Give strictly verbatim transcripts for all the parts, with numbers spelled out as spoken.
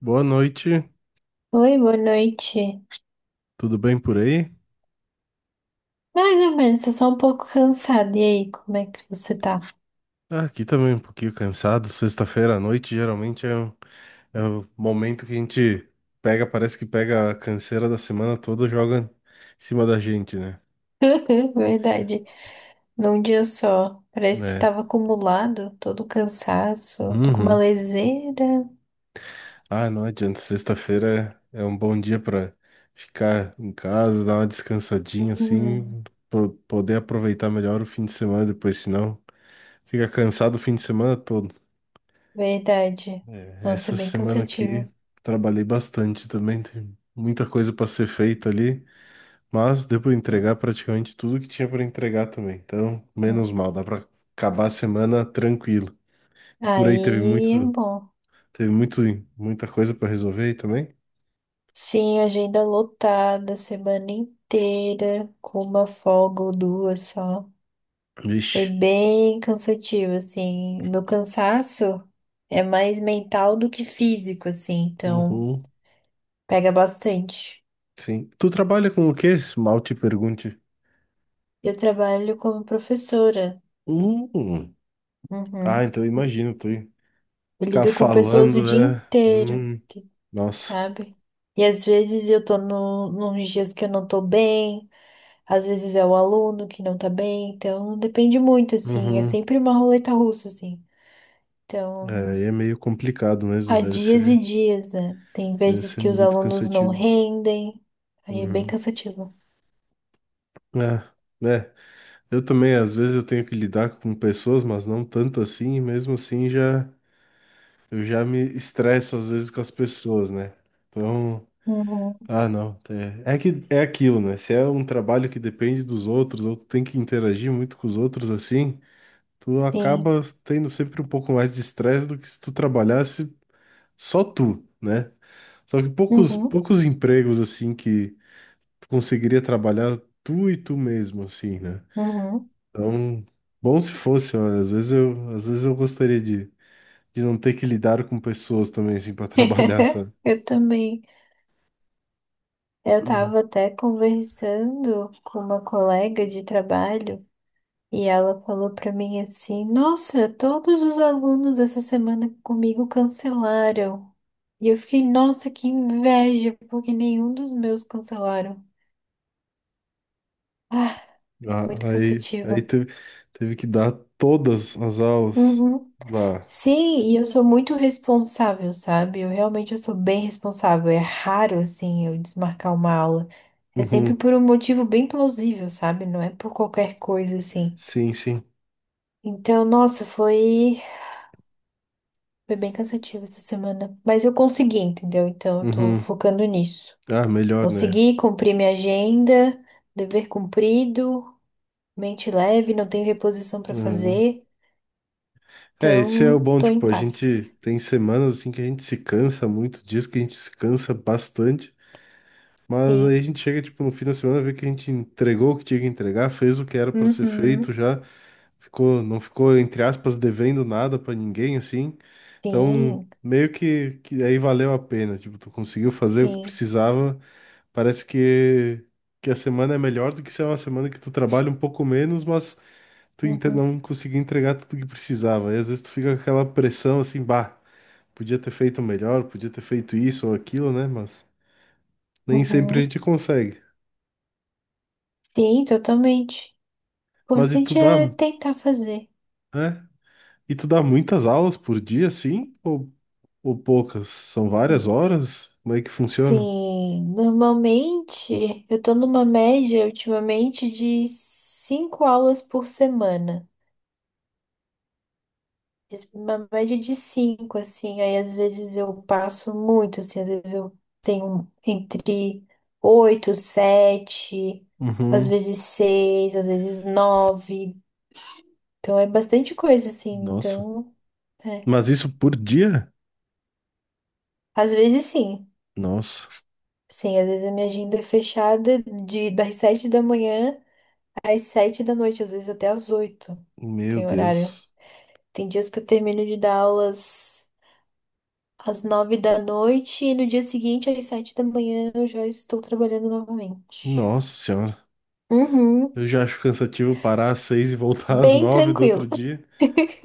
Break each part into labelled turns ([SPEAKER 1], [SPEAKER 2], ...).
[SPEAKER 1] Boa noite,
[SPEAKER 2] Oi, boa noite.
[SPEAKER 1] tudo bem por aí?
[SPEAKER 2] Mais ou menos, tô só um pouco cansada. E aí, como é que você tá?
[SPEAKER 1] Ah, aqui também um pouquinho cansado. Sexta-feira à noite geralmente é, um- é o momento que a gente pega, parece que pega a canseira da semana toda, e joga em cima da gente, né?
[SPEAKER 2] Verdade. Num dia só. Parece que
[SPEAKER 1] É.
[SPEAKER 2] tava acumulado todo o cansaço. Tô com uma
[SPEAKER 1] Uhum.
[SPEAKER 2] leseira.
[SPEAKER 1] Ah, não adianta. Sexta-feira é é um bom dia para ficar em casa, dar uma descansadinha
[SPEAKER 2] Uhum.
[SPEAKER 1] assim, po- poder aproveitar melhor o fim de semana depois, senão fica cansado o fim de semana todo.
[SPEAKER 2] Verdade. Nossa, é
[SPEAKER 1] Essa
[SPEAKER 2] bem
[SPEAKER 1] semana aqui
[SPEAKER 2] cansativo.
[SPEAKER 1] trabalhei bastante também, tem muita coisa para ser feita ali, mas deu para entregar praticamente tudo que tinha para entregar também. Então, menos
[SPEAKER 2] Hum.
[SPEAKER 1] mal, dá para acabar a semana tranquilo. Por aí teve
[SPEAKER 2] Aí, é
[SPEAKER 1] muito,
[SPEAKER 2] bom.
[SPEAKER 1] teve muito, muita coisa para resolver aí também.
[SPEAKER 2] Sim, agenda lotada, semana inteira, com uma folga ou duas só. Foi
[SPEAKER 1] Vixe.
[SPEAKER 2] bem cansativo, assim. Meu cansaço é mais mental do que físico, assim, então
[SPEAKER 1] Uhum.
[SPEAKER 2] pega bastante.
[SPEAKER 1] Sim. Tu trabalha com o quê? Se mal te pergunte.
[SPEAKER 2] Eu trabalho como professora.
[SPEAKER 1] Uhum. Ah,
[SPEAKER 2] Uhum.
[SPEAKER 1] então eu imagino tu
[SPEAKER 2] Eu
[SPEAKER 1] ficar
[SPEAKER 2] lido com pessoas o
[SPEAKER 1] falando,
[SPEAKER 2] dia
[SPEAKER 1] é.
[SPEAKER 2] inteiro,
[SPEAKER 1] Hum. Nossa.
[SPEAKER 2] sabe? E às vezes eu tô no, nos dias que eu não tô bem, às vezes é o aluno que não tá bem, então depende muito, assim. É
[SPEAKER 1] Uhum.
[SPEAKER 2] sempre uma roleta russa, assim.
[SPEAKER 1] É,
[SPEAKER 2] Então.
[SPEAKER 1] aí é meio complicado mesmo,
[SPEAKER 2] Há
[SPEAKER 1] deve
[SPEAKER 2] dias e
[SPEAKER 1] ser.
[SPEAKER 2] dias, né? Tem
[SPEAKER 1] Deve
[SPEAKER 2] vezes
[SPEAKER 1] ser
[SPEAKER 2] que os
[SPEAKER 1] muito
[SPEAKER 2] alunos não
[SPEAKER 1] cansativo.
[SPEAKER 2] rendem, aí é bem
[SPEAKER 1] Uhum.
[SPEAKER 2] cansativo.
[SPEAKER 1] É, é. Eu também, às vezes eu tenho que lidar com pessoas, mas não tanto assim, e mesmo assim já eu já me estresso às vezes com as pessoas, né? Então,
[SPEAKER 2] Uhum.
[SPEAKER 1] ah, não, é, é que é aquilo, né? Se é um trabalho que depende dos outros, ou tu tem que interagir muito com os outros assim, tu
[SPEAKER 2] Sim.
[SPEAKER 1] acaba tendo sempre um pouco mais de estresse do que se tu trabalhasse só tu, né? Só que poucos
[SPEAKER 2] Uhum.
[SPEAKER 1] poucos empregos assim que tu conseguiria trabalhar tu e tu mesmo, assim, né?
[SPEAKER 2] Uhum.
[SPEAKER 1] Então, bom se fosse, olha, às vezes eu, às vezes eu gostaria de, de não ter que lidar com pessoas também, assim, para trabalhar, sabe?
[SPEAKER 2] Eu também. Eu
[SPEAKER 1] Uhum.
[SPEAKER 2] estava até conversando com uma colega de trabalho e ela falou para mim assim: Nossa, todos os alunos essa semana comigo cancelaram. E eu fiquei, nossa, que inveja, porque nenhum dos meus cancelaram. Ah, muito
[SPEAKER 1] Ah, Aí, aí
[SPEAKER 2] cansativo.
[SPEAKER 1] teve, teve que dar todas as aulas.
[SPEAKER 2] Uhum.
[SPEAKER 1] Bah.
[SPEAKER 2] Sim, e eu sou muito responsável, sabe? Eu realmente eu sou bem responsável. É raro, assim, eu desmarcar uma aula. É sempre
[SPEAKER 1] Uhum.
[SPEAKER 2] por um motivo bem plausível, sabe? Não é por qualquer coisa, assim.
[SPEAKER 1] Sim, sim.
[SPEAKER 2] Então, nossa, foi, foi bem cansativo essa semana. Mas eu consegui, entendeu? Então, eu tô
[SPEAKER 1] Uhum.
[SPEAKER 2] focando nisso.
[SPEAKER 1] Ah, melhor, né?
[SPEAKER 2] Consegui cumprir minha agenda, dever cumprido, mente leve, não tenho reposição pra
[SPEAKER 1] Uhum.
[SPEAKER 2] fazer.
[SPEAKER 1] É, esse é o
[SPEAKER 2] Então,
[SPEAKER 1] bom,
[SPEAKER 2] tô em
[SPEAKER 1] tipo, a gente
[SPEAKER 2] paz.
[SPEAKER 1] tem semanas assim que a gente se cansa muito, dias que a gente se cansa bastante. Mas aí a gente
[SPEAKER 2] Sim.
[SPEAKER 1] chega, tipo, no fim da semana, vê que a gente entregou o que tinha que entregar, fez o que era para ser feito
[SPEAKER 2] Uhum.
[SPEAKER 1] já, ficou, não ficou, entre aspas, devendo nada para ninguém, assim. Então,
[SPEAKER 2] Sim,
[SPEAKER 1] meio que, que aí valeu a pena, tipo, tu conseguiu fazer o que
[SPEAKER 2] sim.
[SPEAKER 1] precisava, parece que, que a semana é melhor do que se é uma semana que tu trabalha um pouco menos, mas tu inte-
[SPEAKER 2] Uhum.
[SPEAKER 1] não conseguiu entregar tudo que precisava. E às vezes tu fica com aquela pressão, assim, bah, podia ter feito melhor, podia ter feito isso ou aquilo, né? Mas nem sempre a
[SPEAKER 2] Uhum.
[SPEAKER 1] gente consegue.
[SPEAKER 2] Sim, totalmente. O
[SPEAKER 1] Mas e tu
[SPEAKER 2] importante
[SPEAKER 1] dá,
[SPEAKER 2] é tentar fazer.
[SPEAKER 1] né? E tu dá muitas aulas por dia, sim? Ou, ou poucas? São várias
[SPEAKER 2] Hum.
[SPEAKER 1] horas? Como é que funciona?
[SPEAKER 2] Sim, normalmente eu tô numa média ultimamente de cinco aulas por semana. Uma média de cinco, assim. Aí às vezes eu passo muito, assim, às vezes eu tenho entre oito, sete, às
[SPEAKER 1] Uhum.
[SPEAKER 2] vezes seis, às vezes nove. Então é bastante coisa, assim.
[SPEAKER 1] Nossa.
[SPEAKER 2] Então, é.
[SPEAKER 1] Mas isso por dia?
[SPEAKER 2] Às vezes sim.
[SPEAKER 1] Nossa.
[SPEAKER 2] Sim, às vezes a minha agenda é fechada de das sete da manhã às sete da noite, às vezes até às oito.
[SPEAKER 1] Meu
[SPEAKER 2] Tem horário.
[SPEAKER 1] Deus.
[SPEAKER 2] Tem dias que eu termino de dar aulas às nove da noite e no dia seguinte, às sete da manhã, eu já estou trabalhando novamente.
[SPEAKER 1] Nossa senhora.
[SPEAKER 2] Uhum.
[SPEAKER 1] Eu já acho cansativo parar às seis e voltar às
[SPEAKER 2] Bem
[SPEAKER 1] nove do outro
[SPEAKER 2] tranquilo.
[SPEAKER 1] dia.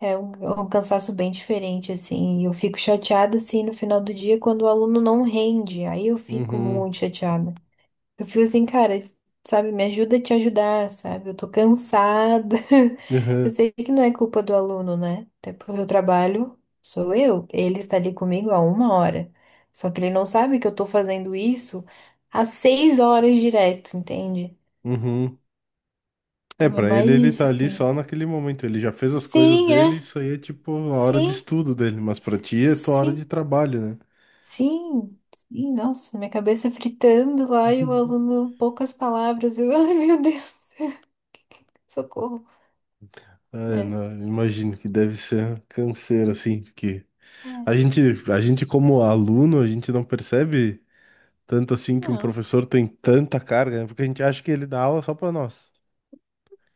[SPEAKER 2] É um, é um cansaço bem diferente, assim. Eu fico chateada, assim, no final do dia quando o aluno não rende. Aí eu fico
[SPEAKER 1] Uhum.
[SPEAKER 2] muito chateada. Eu fico assim, cara, sabe, me ajuda a te ajudar, sabe? Eu tô cansada. Eu
[SPEAKER 1] Uhum.
[SPEAKER 2] sei que não é culpa do aluno, né? Até porque eu trabalho, sou eu. Ele está ali comigo há uma hora. Só que ele não sabe que eu tô fazendo isso há seis horas direto, entende?
[SPEAKER 1] Uhum. É,
[SPEAKER 2] Então é
[SPEAKER 1] pra ele,
[SPEAKER 2] mais
[SPEAKER 1] ele
[SPEAKER 2] isso,
[SPEAKER 1] tá ali
[SPEAKER 2] assim.
[SPEAKER 1] só naquele momento. Ele já fez as coisas
[SPEAKER 2] Sim,
[SPEAKER 1] dele,
[SPEAKER 2] é.
[SPEAKER 1] isso aí é tipo a hora de
[SPEAKER 2] Sim,
[SPEAKER 1] estudo dele. Mas pra ti é tua hora de
[SPEAKER 2] sim,
[SPEAKER 1] trabalho, né?
[SPEAKER 2] sim. Sim, nossa, minha cabeça fritando lá e o aluno, poucas palavras. Eu, ai, meu Deus, socorro.
[SPEAKER 1] É,
[SPEAKER 2] É.
[SPEAKER 1] não, eu imagino que deve ser canseiro, assim, porque
[SPEAKER 2] É.
[SPEAKER 1] a gente, a gente como aluno, a gente não percebe tanto assim que um
[SPEAKER 2] Não.
[SPEAKER 1] professor tem tanta carga, né? Porque a gente acha que ele dá aula só pra nós.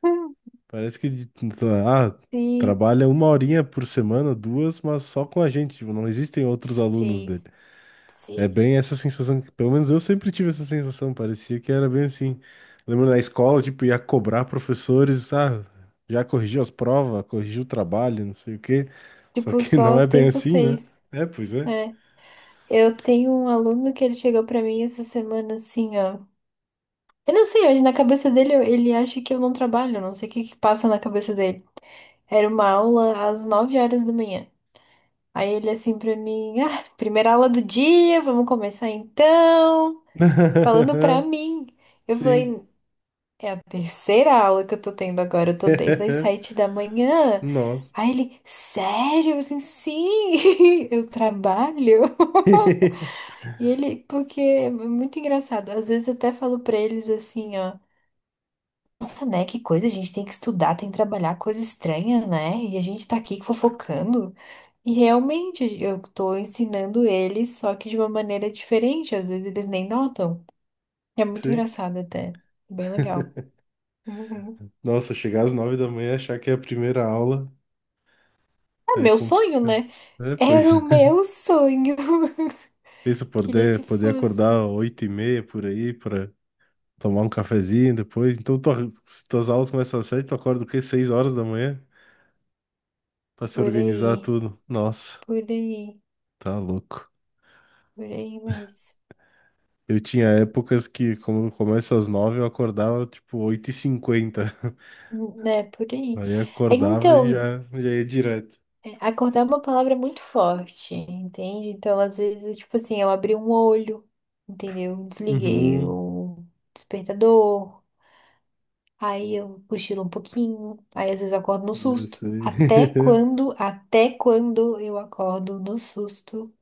[SPEAKER 1] Parece que, de- ah,
[SPEAKER 2] Sim,
[SPEAKER 1] trabalha uma horinha por semana, duas, mas só com a gente, tipo, não existem outros alunos
[SPEAKER 2] sim,
[SPEAKER 1] dele. É
[SPEAKER 2] sim.
[SPEAKER 1] bem essa sensação, que- pelo menos eu sempre tive essa sensação, parecia que era bem assim. Lembro na escola, tipo, ia cobrar professores, ah, já corrigiu as provas, corrigiu o trabalho, não sei o quê. Só
[SPEAKER 2] Tipo,
[SPEAKER 1] que não
[SPEAKER 2] só
[SPEAKER 1] é bem
[SPEAKER 2] tem
[SPEAKER 1] assim, né?
[SPEAKER 2] vocês.
[SPEAKER 1] É, pois é.
[SPEAKER 2] É. Eu tenho um aluno que ele chegou pra mim essa semana assim, ó. Eu não sei, hoje na cabeça dele eu- ele acha que eu não trabalho, eu não sei o que que passa na cabeça dele. Era uma aula às nove horas da manhã. Aí ele assim pra mim, ah, primeira aula do dia, vamos começar então. Falando pra mim. Eu
[SPEAKER 1] Sim.
[SPEAKER 2] falei, é a terceira aula que eu tô tendo agora. Eu tô desde as sete da manhã.
[SPEAKER 1] Nossa.
[SPEAKER 2] Aí ele, sério? Eu assim, sim, eu trabalho. E ele, porque é muito engraçado. Às vezes eu até falo pra eles assim, ó. Nossa, né? Que coisa, a gente tem que estudar, tem que trabalhar, coisa estranha, né? E a gente tá aqui fofocando. E realmente eu tô ensinando eles, só que de uma maneira diferente. Às vezes eles nem notam. É muito
[SPEAKER 1] Sim.
[SPEAKER 2] engraçado até. Bem legal.
[SPEAKER 1] Nossa, chegar às nove da manhã e achar que é a primeira aula
[SPEAKER 2] É
[SPEAKER 1] é
[SPEAKER 2] meu sonho,
[SPEAKER 1] complicado.
[SPEAKER 2] né?
[SPEAKER 1] É, pois é.
[SPEAKER 2] Era o meu sonho.
[SPEAKER 1] Isso,
[SPEAKER 2] Queria que
[SPEAKER 1] poder, poder acordar
[SPEAKER 2] fosse.
[SPEAKER 1] oito e meia por aí tomar um cafezinho depois. Então, tua, se tuas aulas começam às sete, tu acorda o quê? Seis horas da manhã pra se
[SPEAKER 2] Por
[SPEAKER 1] organizar
[SPEAKER 2] aí,
[SPEAKER 1] tudo. Nossa,
[SPEAKER 2] por aí,
[SPEAKER 1] tá louco.
[SPEAKER 2] por aí mesmo.
[SPEAKER 1] Eu tinha épocas que, como eu começo às nove, eu acordava tipo oito e cinquenta.
[SPEAKER 2] Né, por aí.
[SPEAKER 1] Aí
[SPEAKER 2] É,
[SPEAKER 1] acordava e
[SPEAKER 2] então,
[SPEAKER 1] já, já ia direto.
[SPEAKER 2] é, acordar é uma palavra muito forte, entende? Então, às vezes, é tipo assim, eu abri um olho, entendeu? Desliguei
[SPEAKER 1] Uhum,
[SPEAKER 2] o despertador, aí eu cochilo um pouquinho, aí às vezes eu acordo no
[SPEAKER 1] eu
[SPEAKER 2] susto.
[SPEAKER 1] sei.
[SPEAKER 2] Até quando, até quando eu acordo no susto?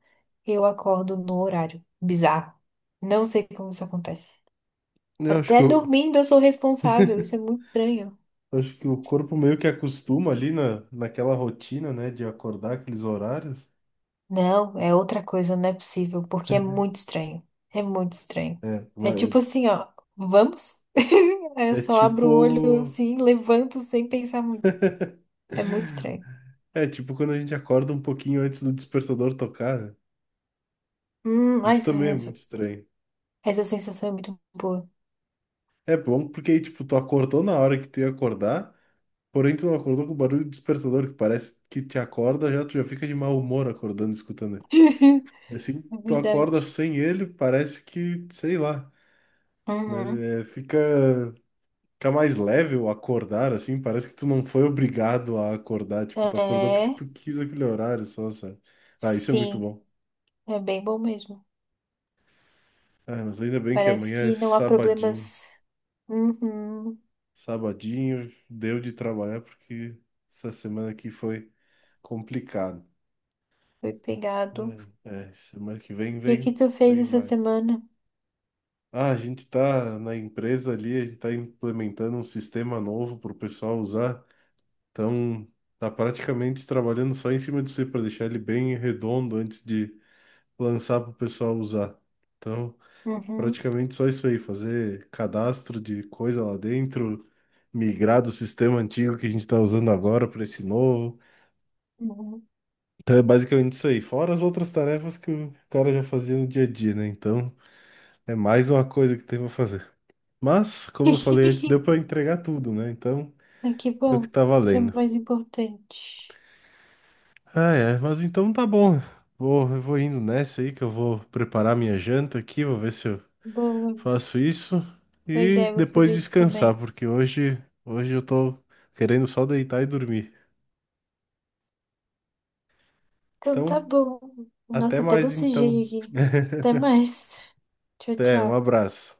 [SPEAKER 2] Eu acordo no horário. Bizarro. Não sei como isso acontece.
[SPEAKER 1] Eu acho que
[SPEAKER 2] Até
[SPEAKER 1] eu...
[SPEAKER 2] dormindo eu sou responsável. Isso é muito estranho.
[SPEAKER 1] Acho que o corpo meio que acostuma ali na, naquela rotina, né, de acordar aqueles horários.
[SPEAKER 2] Não, é outra coisa, não é possível, porque é muito estranho. É muito estranho.
[SPEAKER 1] É,
[SPEAKER 2] É tipo
[SPEAKER 1] vai-
[SPEAKER 2] assim, ó, vamos? Aí eu
[SPEAKER 1] é
[SPEAKER 2] só abro o olho
[SPEAKER 1] tipo
[SPEAKER 2] assim, levanto sem pensar muito. É muito estranho.
[SPEAKER 1] É, tipo quando a gente acorda um pouquinho antes do despertador tocar, né?
[SPEAKER 2] Hum, ai,
[SPEAKER 1] Isso
[SPEAKER 2] essa
[SPEAKER 1] também é muito
[SPEAKER 2] sensação,
[SPEAKER 1] estranho.
[SPEAKER 2] essa sensação é muito boa.
[SPEAKER 1] É bom porque, tipo, tu acordou na hora que tu ia acordar, porém tu não acordou com o barulho do despertador, que parece que te acorda, já tu já fica de mau humor acordando, escutando ele. E assim,
[SPEAKER 2] É
[SPEAKER 1] tu acorda
[SPEAKER 2] verdade.
[SPEAKER 1] sem ele, parece que, sei lá, mas
[SPEAKER 2] Uhum.
[SPEAKER 1] é, fica, fica mais leve o acordar, assim, parece que tu não foi obrigado a acordar, tipo, tu acordou porque
[SPEAKER 2] É,
[SPEAKER 1] tu quis aquele horário só, sabe? Ah, isso é muito
[SPEAKER 2] sim,
[SPEAKER 1] bom.
[SPEAKER 2] é bem bom mesmo.
[SPEAKER 1] Ah, mas ainda bem que
[SPEAKER 2] Parece
[SPEAKER 1] amanhã é
[SPEAKER 2] que não há
[SPEAKER 1] sabadinho.
[SPEAKER 2] problemas. Uhum.
[SPEAKER 1] Sabadinho, deu de trabalhar porque essa semana aqui foi complicado.
[SPEAKER 2] Foi pegado. O
[SPEAKER 1] É, é, semana que vem,
[SPEAKER 2] que que
[SPEAKER 1] vem,
[SPEAKER 2] tu fez
[SPEAKER 1] vem
[SPEAKER 2] essa
[SPEAKER 1] mais.
[SPEAKER 2] semana?
[SPEAKER 1] Ah, a gente tá na empresa ali, a gente tá implementando um sistema novo para o pessoal usar. Então, tá praticamente trabalhando só em cima disso para deixar ele bem redondo antes de lançar para o pessoal usar. Então,
[SPEAKER 2] Uhum,
[SPEAKER 1] praticamente só isso aí, fazer cadastro de coisa lá dentro, migrar do sistema antigo que a gente está usando agora para esse novo.
[SPEAKER 2] uhum.
[SPEAKER 1] Então é basicamente isso aí. Fora as outras tarefas que o cara já fazia no dia a dia, né? Então é mais uma coisa que tem pra fazer. Mas, como eu falei antes, deu pra entregar tudo, né? Então
[SPEAKER 2] Ah, que
[SPEAKER 1] é o que
[SPEAKER 2] bom.
[SPEAKER 1] tá
[SPEAKER 2] Isso é o
[SPEAKER 1] valendo.
[SPEAKER 2] mais importante.
[SPEAKER 1] Ah, é. Mas então tá bom. Vou, eu vou indo nessa aí que eu vou preparar minha janta aqui. Vou ver se eu
[SPEAKER 2] Boa,
[SPEAKER 1] faço isso.
[SPEAKER 2] boa
[SPEAKER 1] E
[SPEAKER 2] ideia, vou
[SPEAKER 1] depois
[SPEAKER 2] fazer isso
[SPEAKER 1] descansar,
[SPEAKER 2] também.
[SPEAKER 1] porque hoje, hoje eu tô querendo só deitar e dormir.
[SPEAKER 2] Então tá
[SPEAKER 1] Então,
[SPEAKER 2] bom.
[SPEAKER 1] até
[SPEAKER 2] Nossa, até
[SPEAKER 1] mais
[SPEAKER 2] bocejei
[SPEAKER 1] então.
[SPEAKER 2] aqui. Até mais. Tchau,
[SPEAKER 1] Até, um
[SPEAKER 2] tchau.
[SPEAKER 1] abraço.